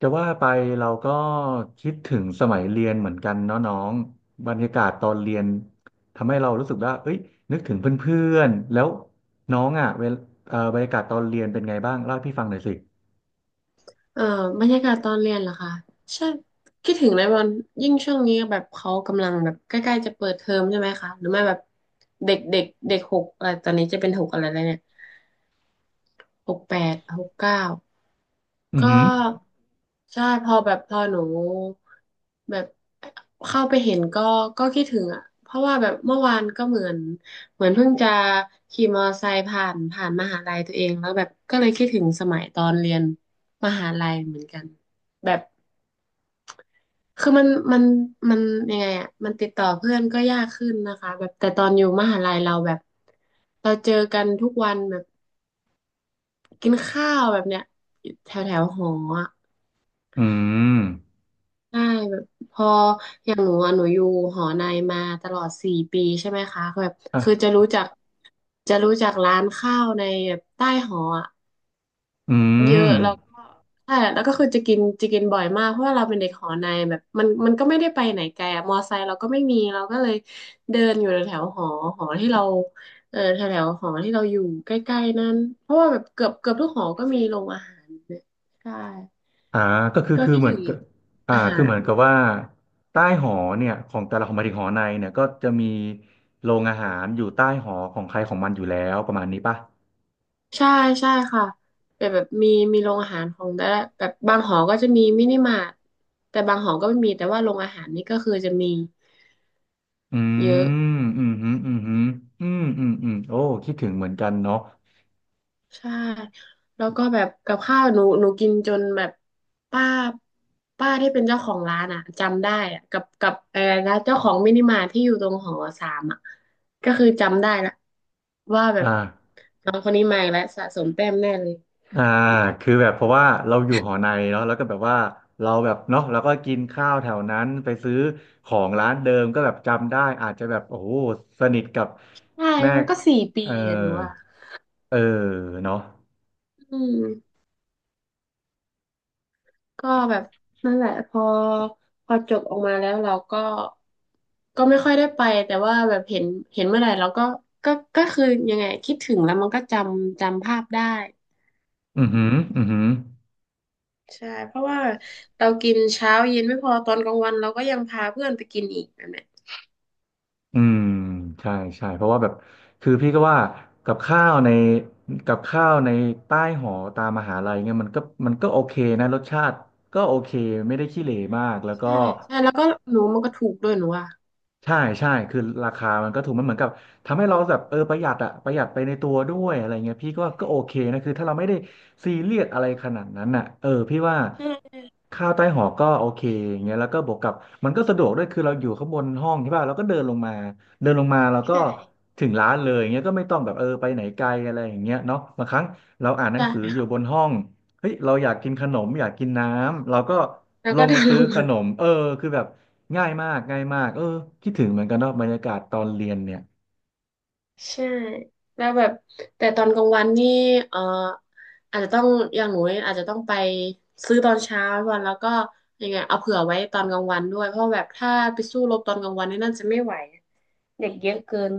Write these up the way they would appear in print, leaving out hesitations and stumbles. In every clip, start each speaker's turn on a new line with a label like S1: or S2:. S1: จะว่าไปเราก็คิดถึงสมัยเรียนเหมือนกันเนาะน้องบรรยากาศตอนเรียนทำให้เรารู้สึกว่าเอ้ยนึกถึงเพื่อนๆแล้วน้องอ่ะเวลบรรยากาศตอนเรียนเป็นไงบ้างเล่าให้พี่ฟังหน่อยสิ
S2: เอ่อบรรยากาศตอนเรียนเหรอคะใช่คิดถึงเลยวันยิ่งช่วงนี้แบบเขากำลังแบบใกล้ๆจะเปิดเทอมใช่ไหมคะหรือไม่แบบเด็กเด็กเด็กหกอะไรตอนนี้จะเป็นหกอะไรแล้วเนี่ยหกแปดหกเก้า
S1: อือ
S2: ก็
S1: หือ
S2: ใช่พอแบบพอหนูแบบเข้าไปเห็นก็คิดถึงอ่ะเพราะว่าแบบเมื่อวานก็เหมือนเหมือนเพิ่งจะขี่มอเตอร์ไซค์ผ่านมหาลัยตัวเองแล้วแบบก็เลยคิดถึงสมัยตอนเรียนมหาลัยเหมือนกันแบบ คือมันยังไงอ่ะมันติดต่อเพื่อนก็ยากขึ้นนะคะแบบแต่ตอนอยู่มหาลัยเราแบบเราเจอกันทุกวันแบบกินข้าวแบบเนี้ยแถวแถวหออ่ะ
S1: อืม
S2: ใช่แบบพออย่างหนูอะหนูอยู่หอในมาตลอดสี่ปีใช่ไหมคะแบบคือจะ
S1: อ่ะ
S2: รู้จักจะรู้จักร้านข้าวในแบบใต้หออ่ะ
S1: อื
S2: เยอะ
S1: ม
S2: แล้วก็ใช่แล้วก็คือจะกินบ่อยมากเพราะว่าเราเป็นเด็กหอในแบบมันมันก็ไม่ได้ไปไหนไกลอะมอไซค์เราก็ไม่มีเราก็เลยเดินอยู่แถวหอหอที่เราเออแถวหอที่เราอยู่ใกล้ๆนั้นเพราะว่าแบบเกือบทุกหอก็มีโรงอาหารเนี่ยใช่
S1: อ่าก็คือ
S2: ก็
S1: คือ
S2: คิด
S1: เหมือ
S2: ถึ
S1: น
S2: ง
S1: กับอ่า
S2: อาหา
S1: คือเห
S2: ร
S1: มือนกับว่าใต้หอเนี่ยของแต่ละของหมายถึงหอในเนี่ยก็จะมีโรงอาหารอยู่ใต้หอของใครของมันอยู่แล้วประมาณนี้ป่ะ
S2: ใช่ใช่ค่ะแบบแบบมีโรงอาหารของแต่ละแบบบางหอก็จะมีมินิมาร์ทแต่บางหอก็ไม่มีแต่ว่าโรงอาหารนี่ก็คือจะมี
S1: อื
S2: เยอะ
S1: มอืมฮึอืมฮึอืมอืมอืมโอ้คิดถึงเหมือนกันเนาะ
S2: ใช่แล้วก็แบบกับข้าวหนูกินจนแบบป้าป้าที่เป็นเจ้าของร้านอ่ะจำได้อ่ะกับร้านเจ้าของมินิมาร์ทที่อยู่ตรงหอสามอ่ะก็คือจำได้ละว่าแบบ
S1: อ่า
S2: น้องคนนี้มาอีกแล้วสะสมแต้มแน่เลย
S1: อ่าคือแบบเพราะว่าเราอยู่หอในเนาะแล้วก็แบบว่าเราแบบเนาะแล้วก็กินข้าวแถวนั้นไปซื้อของร้านเดิมก็แบบจำได้ อาจจะแบบโอ้โหสนิทกับ
S2: ใช่
S1: แม่
S2: มันก็สี่ปี
S1: เออ
S2: อ่ะหนูว่า
S1: เออเนาะ
S2: อืม ก็แบบนั่นแหละพอจบออกมาแล้วเราก็ก็ไม่ค่อยได้ไปแต่ว่าแบบเห็นเมื่อไหร่เราก็ก็คือยังไงคิดถึงแล้วมันก็จำภาพได้
S1: อืมออืม
S2: ใช่เพราะว่าเรากินเช้าเย็นไม่พอตอนกลางวันเราก็ยังพาเพื่อนไปกินอีกแบบเนี้ย
S1: อืมใช่ใช่เพราะว่าแบบคือพี่ก็ว่ากับข้าวในกับข้าวในใต้หอตามมหาลัยเนี่ยมันก็มันก็โอเคนะรสชาติก็โอเคไม่ได้ขี้เหร่มากแล้วก็
S2: ใช่ใช่แล้วก็หนูมันก็ถูกด้วยหนูอ่ะ
S1: ใช่ใช่คือราคามันก็ถูกมันเหมือนกับทำให้เราแบบเออประหยัดอะประหยัดไปในตัวด้วยอะไรเงี้ยพี่ก็โอเคนะคือถ้าเราไม่ได้ซีเรียสอะไรขนาดนั้นอะเออพี่ว่า
S2: ใช่
S1: ข้าวใต้หอก็โอเคอย่างเงี้ยแล้วก็บวกกับมันก็สะดวกด้วยคือเราอยู่ข้างบนห้องใช่ป่ะเราก็เดินลงมาเราก็
S2: ใช่
S1: ถึงร้านเลยอย่างเงี้ยก็ไม่ต้องแบบเออไปไหนไกลอะไรอย่างเงี้ยเนาะบางครั้งเราอ่านหนั
S2: ใช่
S1: งสืออยู่บ
S2: ค่ะ
S1: นห้อง เฮ้ยเราอยากกินขนมอยากกินน้ำเราก็
S2: แล้ว
S1: ล
S2: ก็
S1: ง
S2: เดิ
S1: มา
S2: น
S1: ซื้
S2: ล
S1: อ
S2: ง
S1: ข
S2: มา
S1: นมเออคือแบบง่ายมากง่ายมากเออคิดถึงเหมือนกันเนาะบรรยากาศตอนเรียนเนี่ย
S2: ใช่แล้วแบบแต่ตอนกลางวันนี่เอ่ออาจจะต้องอย่างหนูอาจจะต้องไปซื้อตอนเช้าวันแล้วก็ยังไงเอาเผื่อไว้ตอนกลางวันด้วยเพราะแบบถ้าไปสู้รบตอนกลางวันนี่น่าจะไม่ไหวเด็กเยอะเกิน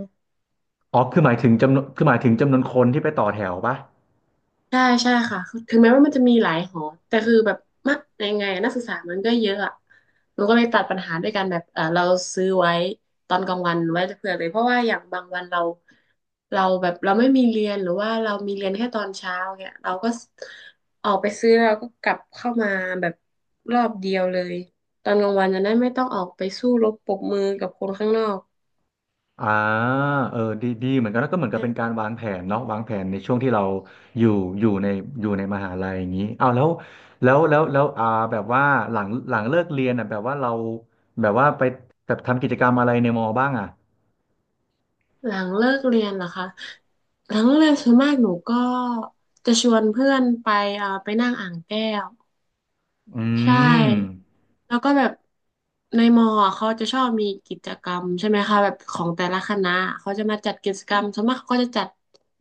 S1: อ๋อคือหมายถึงจำนวนคือหมายถึงจำนวนคนที่ไปต่อแถวปะ
S2: ใช่ใช่ค่ะคือถึงแม้ว่ามันจะมีหลายหอ แต่คือแบบมะยังไงอะนักศึกษามันก็เยอะอะหนูก็เลยตัดปัญหาด้วยการแบบเออเราซื้อไว้ตอนกลางวันไว้เผื่อเลยเพราะว่าอย่างบางวันเราแบบเราไม่มีเรียนหรือว่าเรามีเรียนแค่ตอนเช้าเนี่ยเราก็ออกไปซื้อเราก็กลับเข้ามาแบบรอบเดียวเลยตอนกลางวันจะได้ไม่ต้องออกไปสู้รบปรบมือกับคนข้างนอก
S1: อ่าเออดีดีเหมือนกันแล้วก็เหมือนกับเป็นการวางแผนเนาะวางแผนในช่วงที่เราอยู่อยู่ในอยู่ในมหาลัยอย่างนี้เอาวแล้วอ่าแบบว่าหลังเลิกเรียนอ่ะแบบว่าเราแบบว่าไปแบบทำกิจกรรมอะไรในมอบ้างอ่ะ
S2: หลังเลิกเรียนเหรอคะหลังเลิกเรียนส่วนมากหนูก็จะชวนเพื่อนไปไปนั่งอ่างแก้ว
S1: อื
S2: ใช่
S1: ม
S2: แล้วก็แบบในมออะเขาจะชอบมีกิจกรรมใช่ไหมคะแบบของแต่ละคณะเขาจะมาจัดกิจกรรมส่วนมากเขาก็จะจัด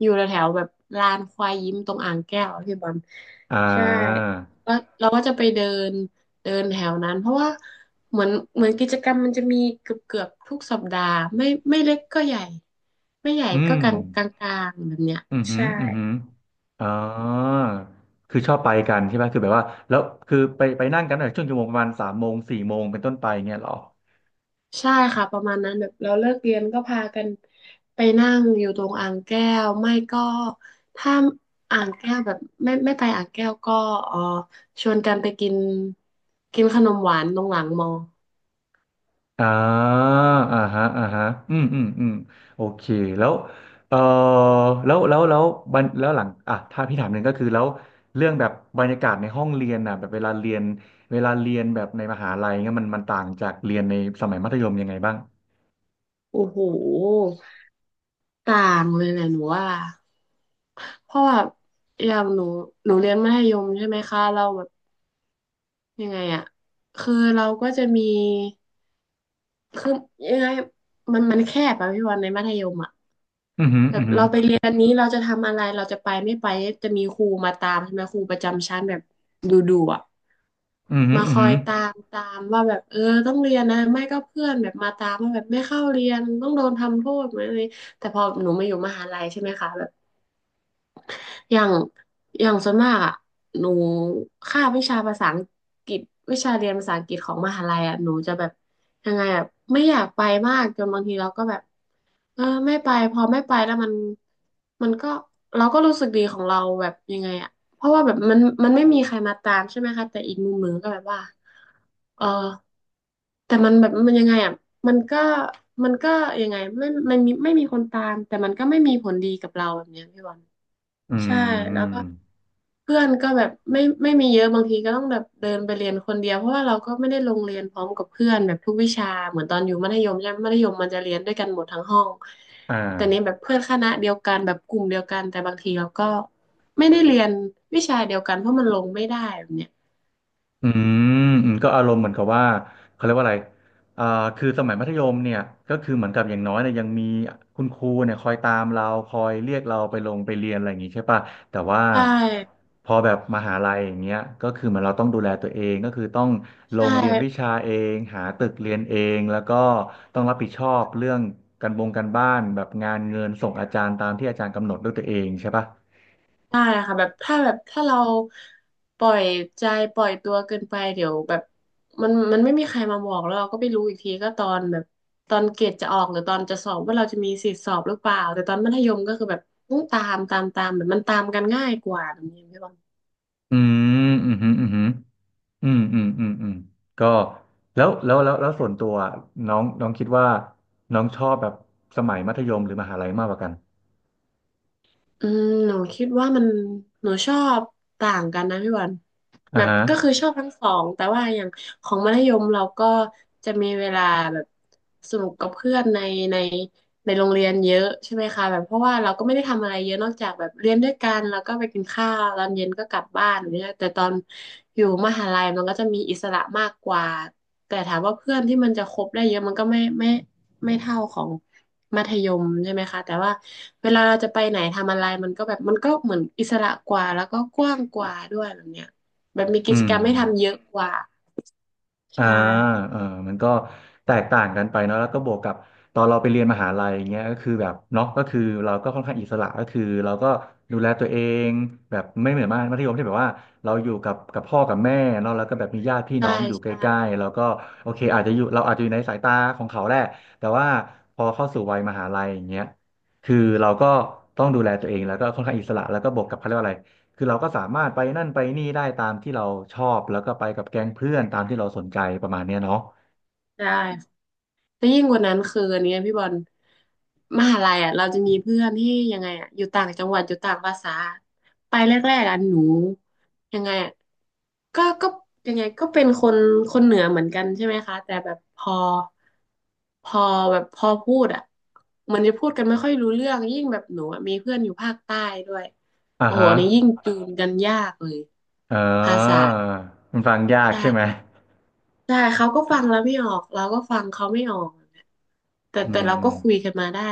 S2: อยู่แถวๆแบบลานควายยิ้มตรงอ่างแก้วอะพี่บอล
S1: อ่า
S2: ใช่แล้วเราก็จะไปเดินเดินแถวนั้นเพราะว่าเหมือนกิจกรรมมันจะมีเกือบทุกสัปดาห์ไม่เล็กก็ใหญ่ไม่ใหญ่
S1: อื
S2: ก็
S1: ม
S2: กลางๆแบบเนี้ย
S1: อืมอหืม
S2: ใช่
S1: ออืมอหืออ๋อคือชอบไปกันใช่ไหมคือแบบว่าแล้วคือไปไปนั่งกันตั้งแต่ช่วงชั่วโมงประมาณสามโมงสี่โมงเป็นต้นไปเงี้ยเหรอ
S2: ใช่ค่ะประมาณนั้นแบบเราเลิกเรียนก็พากันไปนั่งอยู่ตรงอ่างแก้วไม่ก็ถ้าอ่างแก้วแบบไม่ไปอ่างแก้วก็เออชวนกันไปกินกินขนมหวานตรงหลังมอ
S1: อ่าอ่าฮะอ่าฮะอืมอืมอืมโอเคแล้วเออแล้วแล้วแล้วบันแล้วหลังอ่ะถ้าพี่ถามหนึ่งก็คือแล้วเรื่องแบบบรรยากาศในห้องเรียนน่ะแบบเวลาเรียนแบบในมหาลัยเงี้ยมันต่างจากเรียนในสมัยมัธยมยังไงบ้าง
S2: โอ้โหต่างเลยแหละหนูว่าเพราะว่าอย่างหนูหนูเรียนมัธยมใช่ไหมคะเราแบบยังไงอะคือเราก็จะมีคือยังไงมันมันแคบอะพี่วันในมัธยมอะ
S1: อืมออ
S2: แบ
S1: ื
S2: บ
S1: อหื
S2: เราไปเรียนนี้เราจะทำอะไรเราจะไปไม่ไปจะมีครูมาตามใช่ไหมครูประจำชั้นแบบดูดูอ่ะ
S1: ออืมอหือ
S2: มา
S1: อื
S2: ค
S1: มอ
S2: อ
S1: หื
S2: ยตามว่าแบบเออต้องเรียนนะไม่ก็เพื่อนแบบมาตามว่าแบบไม่เข้าเรียนต้องโดนทำโทษเหมือนอะไรแต่พอหนูมาอยู่มหาลัยใช่ไหมคะแบบ อย่างอย่างส่วนมากอ่ะหนูคาบวิชาภาษาอังกฤษวิชาเรียนภาษาอังกฤษของมหาลัยอ่ะหนูจะแบบยังไงอ่ะไม่อยากไปมากจนบางทีเราก็แบบเออไม่ไปพอไม่ไปแล้วมันมันก็เราก็รู้สึกดีของเราแบบยังไงอ่ะเพราะว่าแบบมันมันไม่มีใครมาตามใช่ไหมคะแต่อีกมุมหนึ่งก็แบบว่าเออแต่มันแบบมันยังไงอ่ะมันก็มันก็ยังไงไม่มันมีไม่มีคนตามแต่มันก็ไม่มีผลดีกับเราแบบเนี้ยพี่บอล
S1: ออื
S2: ใช่แล้ว
S1: ม
S2: ก็เพื่อนก็แบบไม่มีเยอะบางทีก็ต้องแบบเดินไปเรียนคนเดียวเพราะว่าเราก็ไม่ได้ลงเรียนพร้อมกับเพื่อนแบบทุกวิชาเหมือนตอนอยู่มัธยมใช่ไหมมัธยมมันจะเรียนด้วยกันหมดทั้งห้อง
S1: อ่
S2: แต่นี้
S1: า
S2: แบบเพื่อนคณะเดียวกันแบบกลุ่มเดียวกันแต่บางทีเราก็ไม่ได้เรียนวิชาเดียวกันเพราะมันลงไม่ได้แบบเนี้ย
S1: อืมอืมก็อารมณ์เหมือนกับว่าเขาเรียกว่าอะไรอ่าคือสมัยมัธยมเนี่ยก็คือเหมือนกับอย่างน้อยเนี่ยยังมีคุณครูเนี่ยคอยตามเราคอยเรียกเราไปลงไปเรียนอะไรอย่างงี้ใช่ป่ะแต่ว่า
S2: ใช่
S1: พอแบบมหาลัยอย่างเงี้ยก็คือเหมือนเราต้องดูแลตัวเองก็คือต้องล
S2: ใช่
S1: งเรียนวิชาเองหาตึกเรียนเองแล้วก็ต้องรับผิดชอบเรื่องการบงการบ้านแบบงานเงินส่งอาจารย์ตามที่อาจารย์กำหนดด้วยตัวเองใช่ป่ะ
S2: ได้ค่ะแบบถ้าเราปล่อยใจปล่อยตัวเกินไปเดี๋ยวแบบมันมันไม่มีใครมาบอกแล้วเราก็ไปรู้อีกทีก็ตอนแบบตอนเกรดจะออกหรือตอนจะสอบว่าเราจะมีสิทธิสอบหรือเปล่าแต่ตอนมัธยมก็คือแบบต้องตามตามตามแบบมันตามกันง่ายกว่าแบบนี้พี่บอล
S1: อืมอืมอืมอืม อืมอืมอืมอืมก็แล้วส่วนตัวน้องน้องคิดว่าน้องชอบแบบสมัยมัธยมหรือมหาลัยมากกว่ากัน
S2: อืมหนูคิดว่ามันหนูชอบต่างกันนะพี่วัน
S1: อ่า
S2: แบบ
S1: ฮะ
S2: ก็คือชอบทั้งสองแต่ว่าอย่างของมัธยมเราก็จะมีเวลาแบบสนุกกับเพื่อนในในโรงเรียนเยอะใช่ไหมคะแบบเพราะว่าเราก็ไม่ได้ทำอะไรเยอะนอกจากแบบเรียนด้วยกันแล้วก็ไปกินข้าวตอนเย็นก็กลับบ้านอย่างเนี่ยแต่ตอนอยู่มหาลัยมันก็จะมีอิสระมากกว่าแต่ถามว่าเพื่อนที่มันจะคบได้เยอะมันก็ไม่เท่าของ มัธยมใช่ไหมคะแต่ว่าเวลาเราจะไปไหนทำอะไรมันก็แบบมันก็เหมือนอิสระกว่าแล้วก็กว้างกว่าด้วยแบบเนี้ยแบบมี
S1: อื
S2: กิจ
S1: ม
S2: กรรมให้ทำเยอะกว่า
S1: อ่า
S2: ใช่
S1: เออมันก็แตกต่างกันไปเนาะแล้วก็บวกกับตอนเราไปเรียนมหาลัยอย่างเงี้ยก็คือแบบเนาะก็คือเราก็ค่อนข้างอิสระก็คือเราก็ดูแลตัวเองแบบไม่เหมือนมากมัธยมที่แบบว่าเราอยู่กับกับพ่อกับแม่เนาะแล้วก็แบบมีญาติพี่
S2: ใช่
S1: น้องอยู่ใก
S2: ใช่
S1: ล้ๆแล้วก็โอเคอาจจะอยู่เราอาจจะอยู่ในสายตาของเขาแหละแต่ว่าพอเข้าสู่วัยมหาลัยอย่างเงี้ยคือเราก็ต้องดูแลตัวเองแล้วก็ค่อนข้างอิสระแล้วก็บวกกับเขาเรียกว่าอะไร คือเราก็สามารถไปนั่นไปนี่ได้ตามที่เราชอบแล้วก็ไปกับแก๊งเพื่อนตามที่เราสนใจประมาณเนี้ยเนาะ
S2: ใช่ แล้วยิ่งกว่านั้นคืออันเนี้ยพี่บอลมหาลัยอ่ะเราจะมีเพื่อนที่ยังไงอ่ะอยู่ต่างจังหวัดอยู่ต่างภาษาไปแรกๆอ่ะหนูยังไงอ่ะก็ยังไงก็เป็นคนคนเหนือเหมือนกันใช่ไหมคะแต่แบบพอพอพูดอ่ะมันจะพูดกันไม่ค่อยรู้เรื่องยิ่งแบบหนูอ่ะมีเพื่อนอยู่ภาคใต้ด้วย
S1: อ่า
S2: โอ้โห
S1: ฮะ
S2: อันนี่ยิ่งจูนกันยากเลย
S1: เอ
S2: ภาษา
S1: อมันฟังยาก
S2: ใช่
S1: ใช่ไหม
S2: ใช่เขาก็ฟังแล้วไม่ออก เราก็ฟังเขาไม่ออก แต่
S1: อื
S2: แต่เราก็คุย
S1: ม
S2: กันมาได้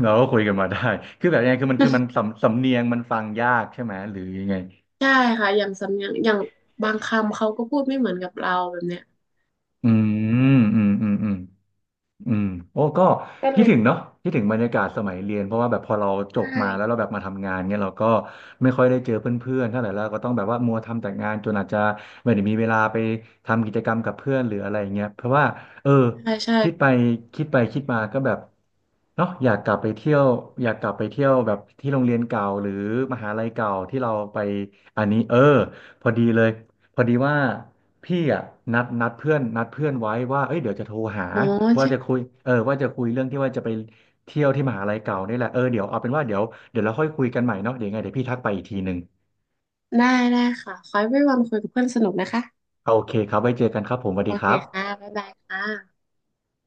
S1: เราก็คุยกันมาได้คือแบบยังไงคือมันคือมันสำเนียงมันฟังยากใช่ไหมหรือยังไง
S2: ใช่ค่ะอย่างสำเนียงอย่างบางคำเขาก็พูดไม่เหมือนกับเราแบบเนี้ย
S1: อืมอืมอืมอืม อืมโอ้ก็
S2: ก็เล
S1: คิด
S2: ย
S1: ถึงเนาะคิดถึงบรรยากาศสมัยเรียนเพราะว่าแบบพอเราจ
S2: ใช
S1: บมาแล้วเรา
S2: ่
S1: แบบมาทำงานเนี่ยเราก็ไม่ค่อยได้เจอเพื่อนๆเท่าไหร่แล้วก็ต้องแบบว่ามัวทำแต่งานจนอาจจะไม่ได้มีเวลาไปทำกิจกรรมกับเพื่อนหรืออะไรอย่างเงี้ยเพราะว่าเออ
S2: ใช่ใช่
S1: คิดไปคิดไปคิดมาก็แบบเนาะอยากกลับไปเที่ยวอยากกลับไปเที่ยวแบบที่โรงเรียนเก่าหรือมหาลัยเก่าที่เราไปอันนี้เออพอดีเลยพอดีว่า พี่อ่ะนัดเพื่อนไว้ว่าเอ้ยเดี๋ยวจะโทรหา
S2: อ๋อ
S1: ว่าจะ
S2: ใช่
S1: คุยเออว่าจะคุยเรื่องที่ว่าจะไปเที่ยวที่มหาลัยเก่านี่แหละเออเดี๋ยวเอาเป็นว่าเดี๋ยวเราค่อยคุยกันใหม่เนาะเดี๋ยวยังไงเดี๋ยวพี่ทักไปอีกทีหนึ่ง
S2: ได้ได้ค่ะขอให้วันคุยกับเพื่อนสนุกนะคะ
S1: โอเคครับไว้เจอกันครับผมสวัส
S2: โอ
S1: ดีค
S2: เค
S1: รับ
S2: ค่ะ บ๊ายบายค่ะ